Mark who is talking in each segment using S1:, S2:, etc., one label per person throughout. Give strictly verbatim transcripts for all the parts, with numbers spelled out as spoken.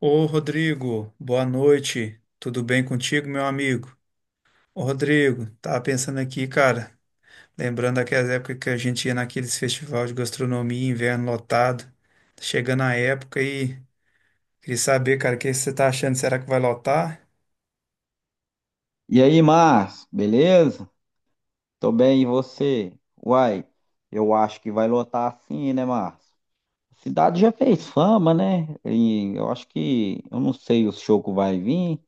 S1: Ô Rodrigo, boa noite. Tudo bem contigo, meu amigo? Ô Rodrigo, tava pensando aqui, cara, lembrando daquelas épocas que a gente ia naqueles festivais de gastronomia, inverno lotado. Tá chegando a época e queria saber, cara, o que você tá achando? Será que vai lotar?
S2: E aí, Márcio, beleza? Tô bem, e você? Uai, eu acho que vai lotar assim, né, Márcio? A cidade já fez fama, né? E eu acho que, eu não sei o show que vai vir,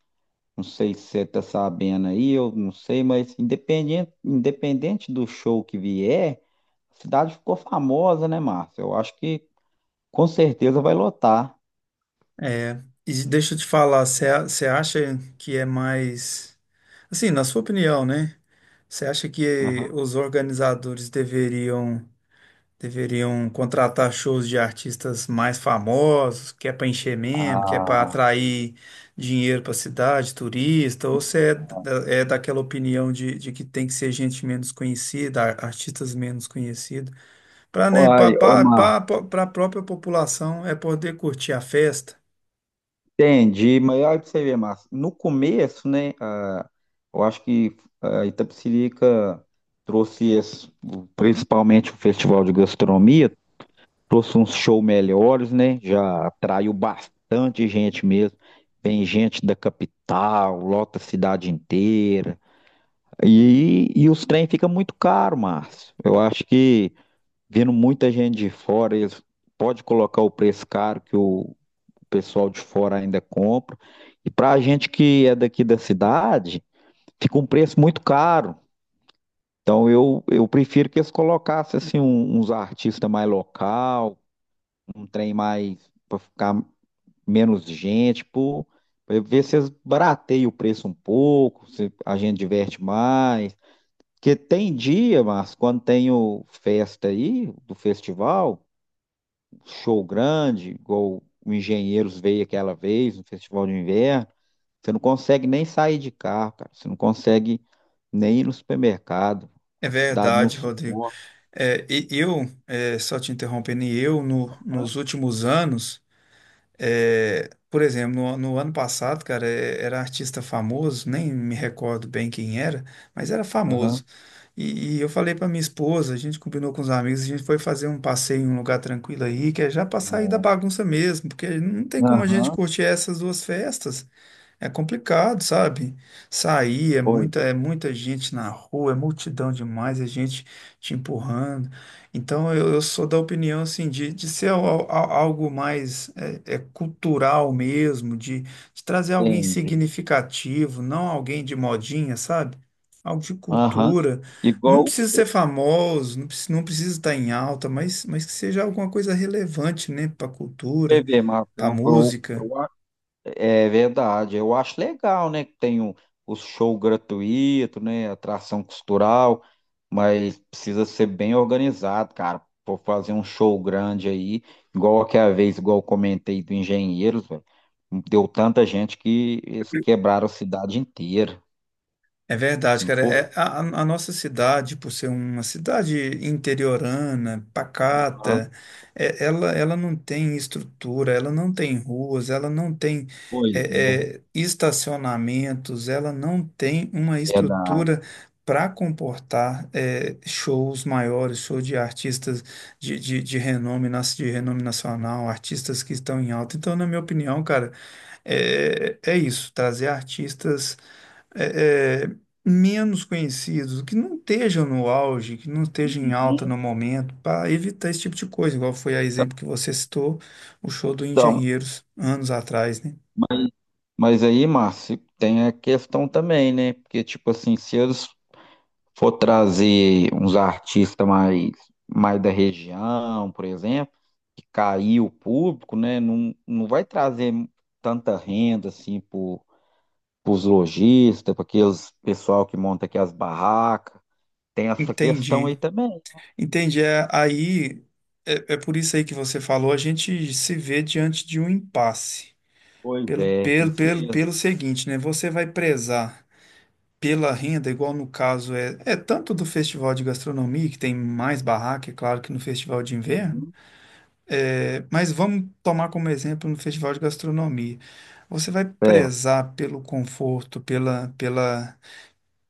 S2: não sei se você tá sabendo aí, eu não sei, mas independente, independente do show que vier, a cidade ficou famosa, né, Márcio? Eu acho que com certeza vai lotar.
S1: É, e deixa eu te falar, você a- você acha que é mais. Assim, na sua opinião, né? Você acha que
S2: Aham.
S1: os organizadores deveriam. Deveriam contratar shows de artistas mais famosos, que é para encher mesmo, que é para
S2: Ah,
S1: atrair dinheiro para a cidade, turista, ou você é, da- é daquela opinião de, de que tem que ser gente menos conhecida, ar- artistas menos conhecidos, para né, para
S2: uai, ô,
S1: a
S2: Márcio.
S1: própria população é poder curtir a festa.
S2: Entendi, mas olha pra você ver, Márcio. No começo, né, ah, eu acho que a Itapecerica trouxe, esse- principalmente o Festival de Gastronomia, trouxe uns shows melhores, né, já atraiu bastante gente mesmo. Vem gente da capital, lota a cidade inteira. E, e os trem ficam muito caro, Márcio. Eu acho que, vindo muita gente de fora, eles podem colocar o preço caro que o o pessoal de fora ainda compra. E para a gente que é daqui da cidade, fica um preço muito caro. Então eu, eu prefiro que eles colocassem assim, um- uns artistas mais local, um trem mais para ficar menos gente, para ver se eles barateiam o preço um pouco, se a gente diverte mais. Porque tem dia, mas quando tem o festa aí, do festival, show grande, igual o Engenheiros veio aquela vez, no Festival de Inverno. Você não consegue nem sair de carro, cara. Você não consegue nem ir no supermercado.
S1: É
S2: A cidade não
S1: verdade, Rodrigo.
S2: suporta.
S1: É, e eu, é, só te interrompendo, e eu, no- nos últimos anos. É, por exemplo, no, no ano passado, cara, é- era artista famoso, nem me recordo bem quem era, mas era famoso.
S2: Aham.
S1: E, e eu falei pra minha esposa, a gente combinou com os amigos, a gente foi fazer um passeio em um lugar tranquilo aí, que é já pra sair da
S2: Não.
S1: bagunça mesmo, porque não tem como a gente
S2: Aham.
S1: curtir essas duas festas. É complicado, sabe? Sair é
S2: Foi,
S1: muita, é muita gente na rua, é multidão demais, é gente te empurrando. Então eu, eu sou da opinião assim de, de ser al- al- algo mais é, é, cultural mesmo, de, de trazer alguém
S2: entendi.
S1: significativo, não alguém de modinha, sabe? Algo de
S2: Aham.
S1: cultura. Não
S2: Igual
S1: precisa
S2: o
S1: ser famoso, não precisa, não precisa estar em alta, mas, mas que seja alguma coisa relevante, né, para a cultura,
S2: P V, Marcos.
S1: para a
S2: Eu, eu,
S1: música.
S2: eu é verdade, eu acho legal, né, que tem o, o show gratuito, né, atração cultural, mas precisa ser bem organizado, cara, vou fazer um show grande aí, igual aquela vez, igual eu comentei do Engenheiros, velho, deu tanta gente que eles quebraram a cidade inteira,
S1: É verdade,
S2: não
S1: cara.
S2: foi?
S1: É, a, a- a nossa cidade, por ser uma cidade interiorana,
S2: Aham.
S1: pacata, é- ela, ela não tem estrutura, ela não tem ruas, ela não tem
S2: Pois é,
S1: é, é, estacionamentos, ela não tem uma
S2: verdade.
S1: estrutura para comportar é, shows maiores, shows de artistas de, de, de renome, nas- de renome nacional, artistas que estão em alta. Então, na minha opinião, cara, é, é isso, trazer artistas. é, é, menos conhecidos, que não estejam no auge, que não estejam em alta
S2: Uhum.
S1: no momento, para evitar esse tipo de coisa, igual foi a exemplo que você citou, o show do
S2: Então,
S1: Engenheiros, anos atrás, né?
S2: mas, mas aí, Márcio, tem a questão também, né, porque, tipo assim, se eles for trazer uns artistas mais, mais da região, por exemplo, que caiu o público, né? Não, não vai trazer tanta renda assim para os lojistas, para aqueles pessoal que monta aqui as barracas. Tem essa questão
S1: Entendi.
S2: aí também.
S1: Entendi. É, aí, é, é por isso aí que você falou, a gente se vê diante de um impasse.
S2: Pois
S1: Pelo,
S2: é,
S1: pelo,
S2: isso
S1: pelo,
S2: mesmo.
S1: pelo seguinte, né? Você vai prezar pela renda, igual no caso é, é tanto do festival de gastronomia, que tem mais barraca, é claro, que no festival de inverno.
S2: Uhum.
S1: É, mas vamos tomar como exemplo no festival de gastronomia. Você vai
S2: É,
S1: prezar pelo conforto, pela, pela,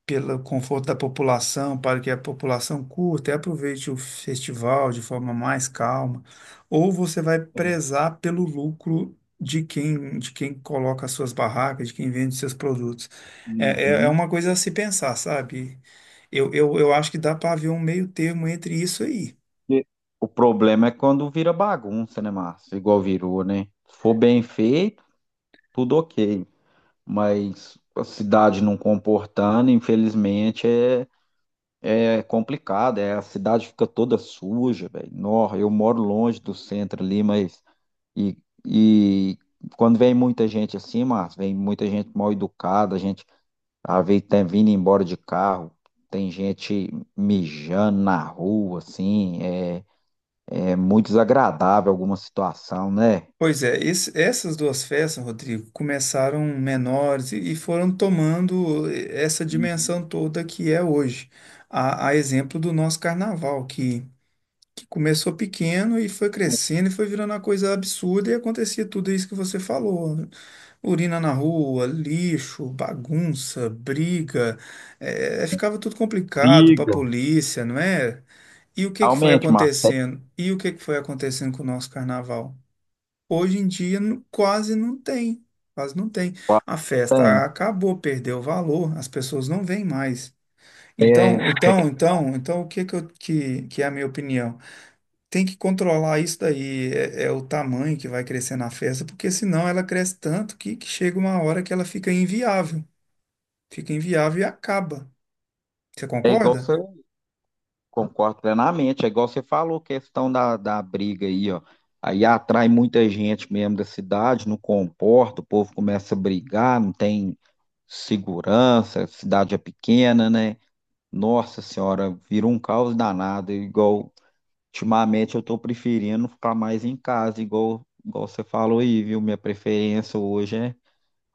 S1: pelo conforto da população, para que a população curta e aproveite o festival de forma mais calma, ou você vai
S2: é.
S1: prezar pelo lucro de quem, de quem coloca as suas barracas, de quem vende seus produtos. É, é, é
S2: Uhum.
S1: uma coisa a se pensar, sabe? Eu, eu, eu acho que dá para haver um meio termo entre isso aí.
S2: E o problema é quando vira bagunça, né, Márcio? Igual virou, né? Se for bem feito, tudo ok, mas a cidade não comportando, infelizmente, é, é complicado. É, a cidade fica toda suja, velho. Nó, eu moro longe do centro ali, mas. E, e quando vem muita gente assim, mas vem muita gente mal educada, a gente a vez tá vindo embora de carro. Tem gente mijando na rua, assim, é, é muito desagradável alguma situação, né?
S1: Pois é, esse- essas duas festas, Rodrigo, começaram menores e, e foram tomando eh, essa
S2: Uhum.
S1: dimensão toda que é hoje. A, a exemplo do nosso carnaval, que, que começou pequeno e foi crescendo e foi virando uma coisa absurda e acontecia tudo isso que você falou, né? Urina na rua, lixo, bagunça, briga, eh, ficava tudo complicado para a
S2: Briga.
S1: polícia, não é? E o que que foi
S2: Realmente, Márcio,
S1: acontecendo? E o que que foi acontecendo com o nosso carnaval? Hoje em dia nu- quase não tem, quase não tem. A festa acabou, perdeu o valor, as pessoas não vêm mais.
S2: é, é
S1: Então, então, então, então, o que que, eu- que, que é a minha opinião? Tem que controlar isso daí, é, é o tamanho que vai crescer na festa, porque senão ela cresce tanto que, que chega uma hora que ela fica inviável, fica inviável e acaba. Você
S2: é igual
S1: concorda?
S2: você concordo plenamente. É igual você falou, questão da, da briga aí, ó. Aí atrai muita gente mesmo da cidade, não comporta, o povo começa a brigar, não tem segurança, a cidade é pequena, né? Nossa senhora, vira um caos danado. Igual, ultimamente eu tô preferindo ficar mais em casa, igual, igual você falou aí, viu? Minha preferência hoje é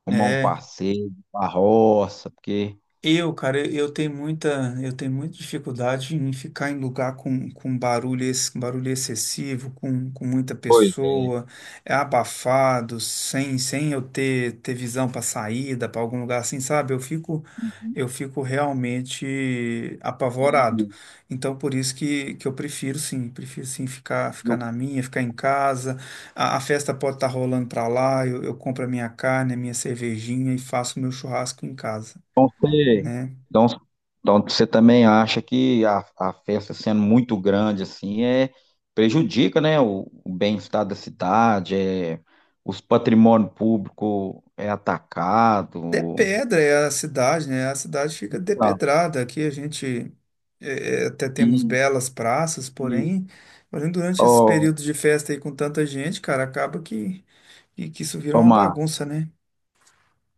S2: arrumar um
S1: é
S2: passeio, uma roça, porque
S1: Eu, cara, eu eu tenho muita, eu tenho muita dificuldade em ficar em lugar com, com barulho, ex- com barulho excessivo, com, com muita
S2: pois é.
S1: pessoa, é abafado, sem, sem eu ter, ter visão para saída, para algum lugar assim, sabe? Eu fico, eu fico realmente apavorado.
S2: E
S1: Então, por isso que, que eu prefiro, sim, prefiro sim ficar, ficar na minha, ficar em casa. A, a festa pode estar rolando para lá, eu, eu compro a minha carne, a minha cervejinha e faço o meu churrasco em casa,
S2: então você,
S1: né?
S2: então, então você também acha que a, a festa sendo muito grande assim é prejudica, né, o, o bem-estar da cidade, é, os patrimônio público é atacado.
S1: De Pedra é a cidade, né? A cidade fica
S2: Não.
S1: depedrada. Aqui a gente eh, eh, até temos
S2: E,
S1: belas praças,
S2: e,
S1: porém, porém durante esse
S2: ô,
S1: período de festa aí com tanta gente, cara, acaba que, que, que isso vira
S2: ô,
S1: uma
S2: Márcio,
S1: bagunça, né?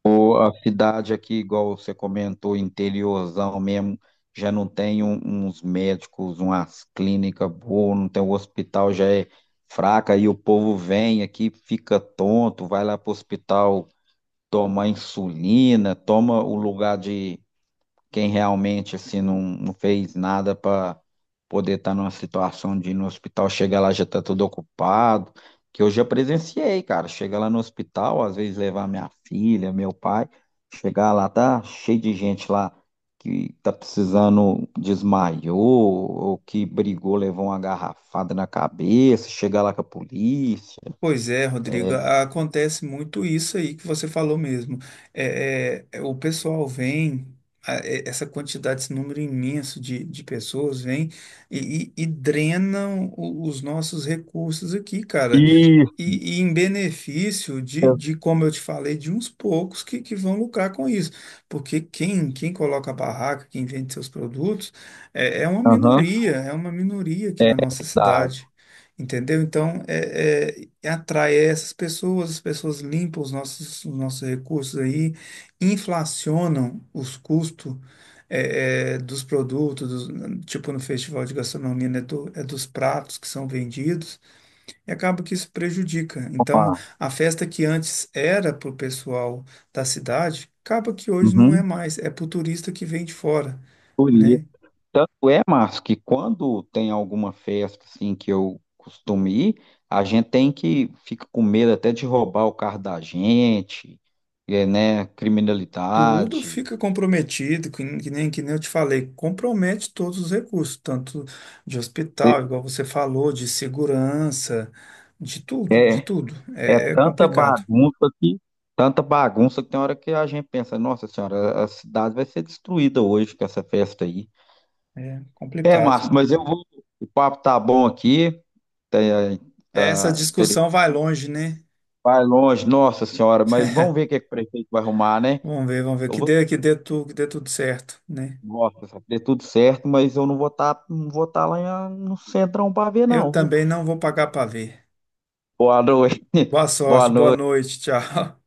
S2: ou a cidade aqui, igual você comentou, interiorzão mesmo, já não tem um- uns médicos, umas clínicas boas, não tem o hospital, já é fraca, e o povo vem aqui, fica tonto, vai lá pro hospital tomar insulina, toma o lugar de quem realmente assim não, não fez nada para poder estar numa situação de ir no hospital, chega lá já tá tudo ocupado, que eu já presenciei, cara, chega lá no hospital, às vezes levar minha filha, meu pai, chegar lá tá cheio de gente lá que tá precisando desmaiou ou que brigou, levou uma garrafada na cabeça, chegar lá com a polícia.
S1: Pois é, Rodrigo, a- acontece muito isso aí que você falou mesmo. É, é, é, o pessoal vem, a- é, essa quantidade, esse número imenso de, de pessoas vem e, e, e drenam o- os nossos recursos aqui, cara.
S2: Isso,
S1: E, e em benefício de, de, como eu te falei, de uns poucos que, que vão lucrar com isso. Porque quem, quem coloca a barraca, quem vende seus produtos, é, é uma
S2: aham,
S1: minoria, é uma minoria aqui
S2: é,
S1: na nossa
S2: dá.
S1: cidade. Entendeu? Então, é, é, é atrai essas pessoas, as pessoas limpam os nossos, os nossos recursos aí, inflacionam os custos é, é, dos produtos, dos- tipo no Festival de Gastronomia, né, do- é dos pratos que são vendidos E acaba que isso prejudica. Então, a festa que antes era para o pessoal da cidade, acaba que hoje não é
S2: Uhum.
S1: mais, é para o turista que vem de fora,
S2: Por isso.
S1: né?
S2: Tanto é, Márcio, que quando tem alguma festa assim que eu costumo ir, a gente tem que fica com medo até de roubar o carro da gente, é, né?
S1: Tudo
S2: Criminalidade.
S1: fica comprometido, que nem, que nem que nem eu te falei, compromete todos os recursos, tanto de hospital, igual você falou, de segurança, de tudo, de
S2: É, é
S1: tudo.
S2: é
S1: É, é
S2: tanta
S1: complicado,
S2: bagunça que tanta bagunça que tem hora que a gente pensa, nossa senhora, a cidade vai ser destruída hoje com essa festa aí.
S1: é
S2: É,
S1: complicado.
S2: Márcio, mas eu vou. O papo tá bom aqui, tá,
S1: Essa
S2: tá, inter-
S1: discussão vai longe, né?
S2: vai longe, nossa senhora, mas vamos ver o que, é que o prefeito vai arrumar, né?
S1: Vamos ver, vamos ver,
S2: Eu
S1: que
S2: vou
S1: dê, que dê, tu, que dê tudo certo, né?
S2: nossa, vai ter tudo certo, mas eu não vou estar, não vou tá lá em- ah, no centrão para ver,
S1: Eu
S2: não, viu?
S1: também não vou pagar para ver.
S2: Boa noite.
S1: Boa
S2: Boa
S1: sorte, boa
S2: noite.
S1: noite, tchau.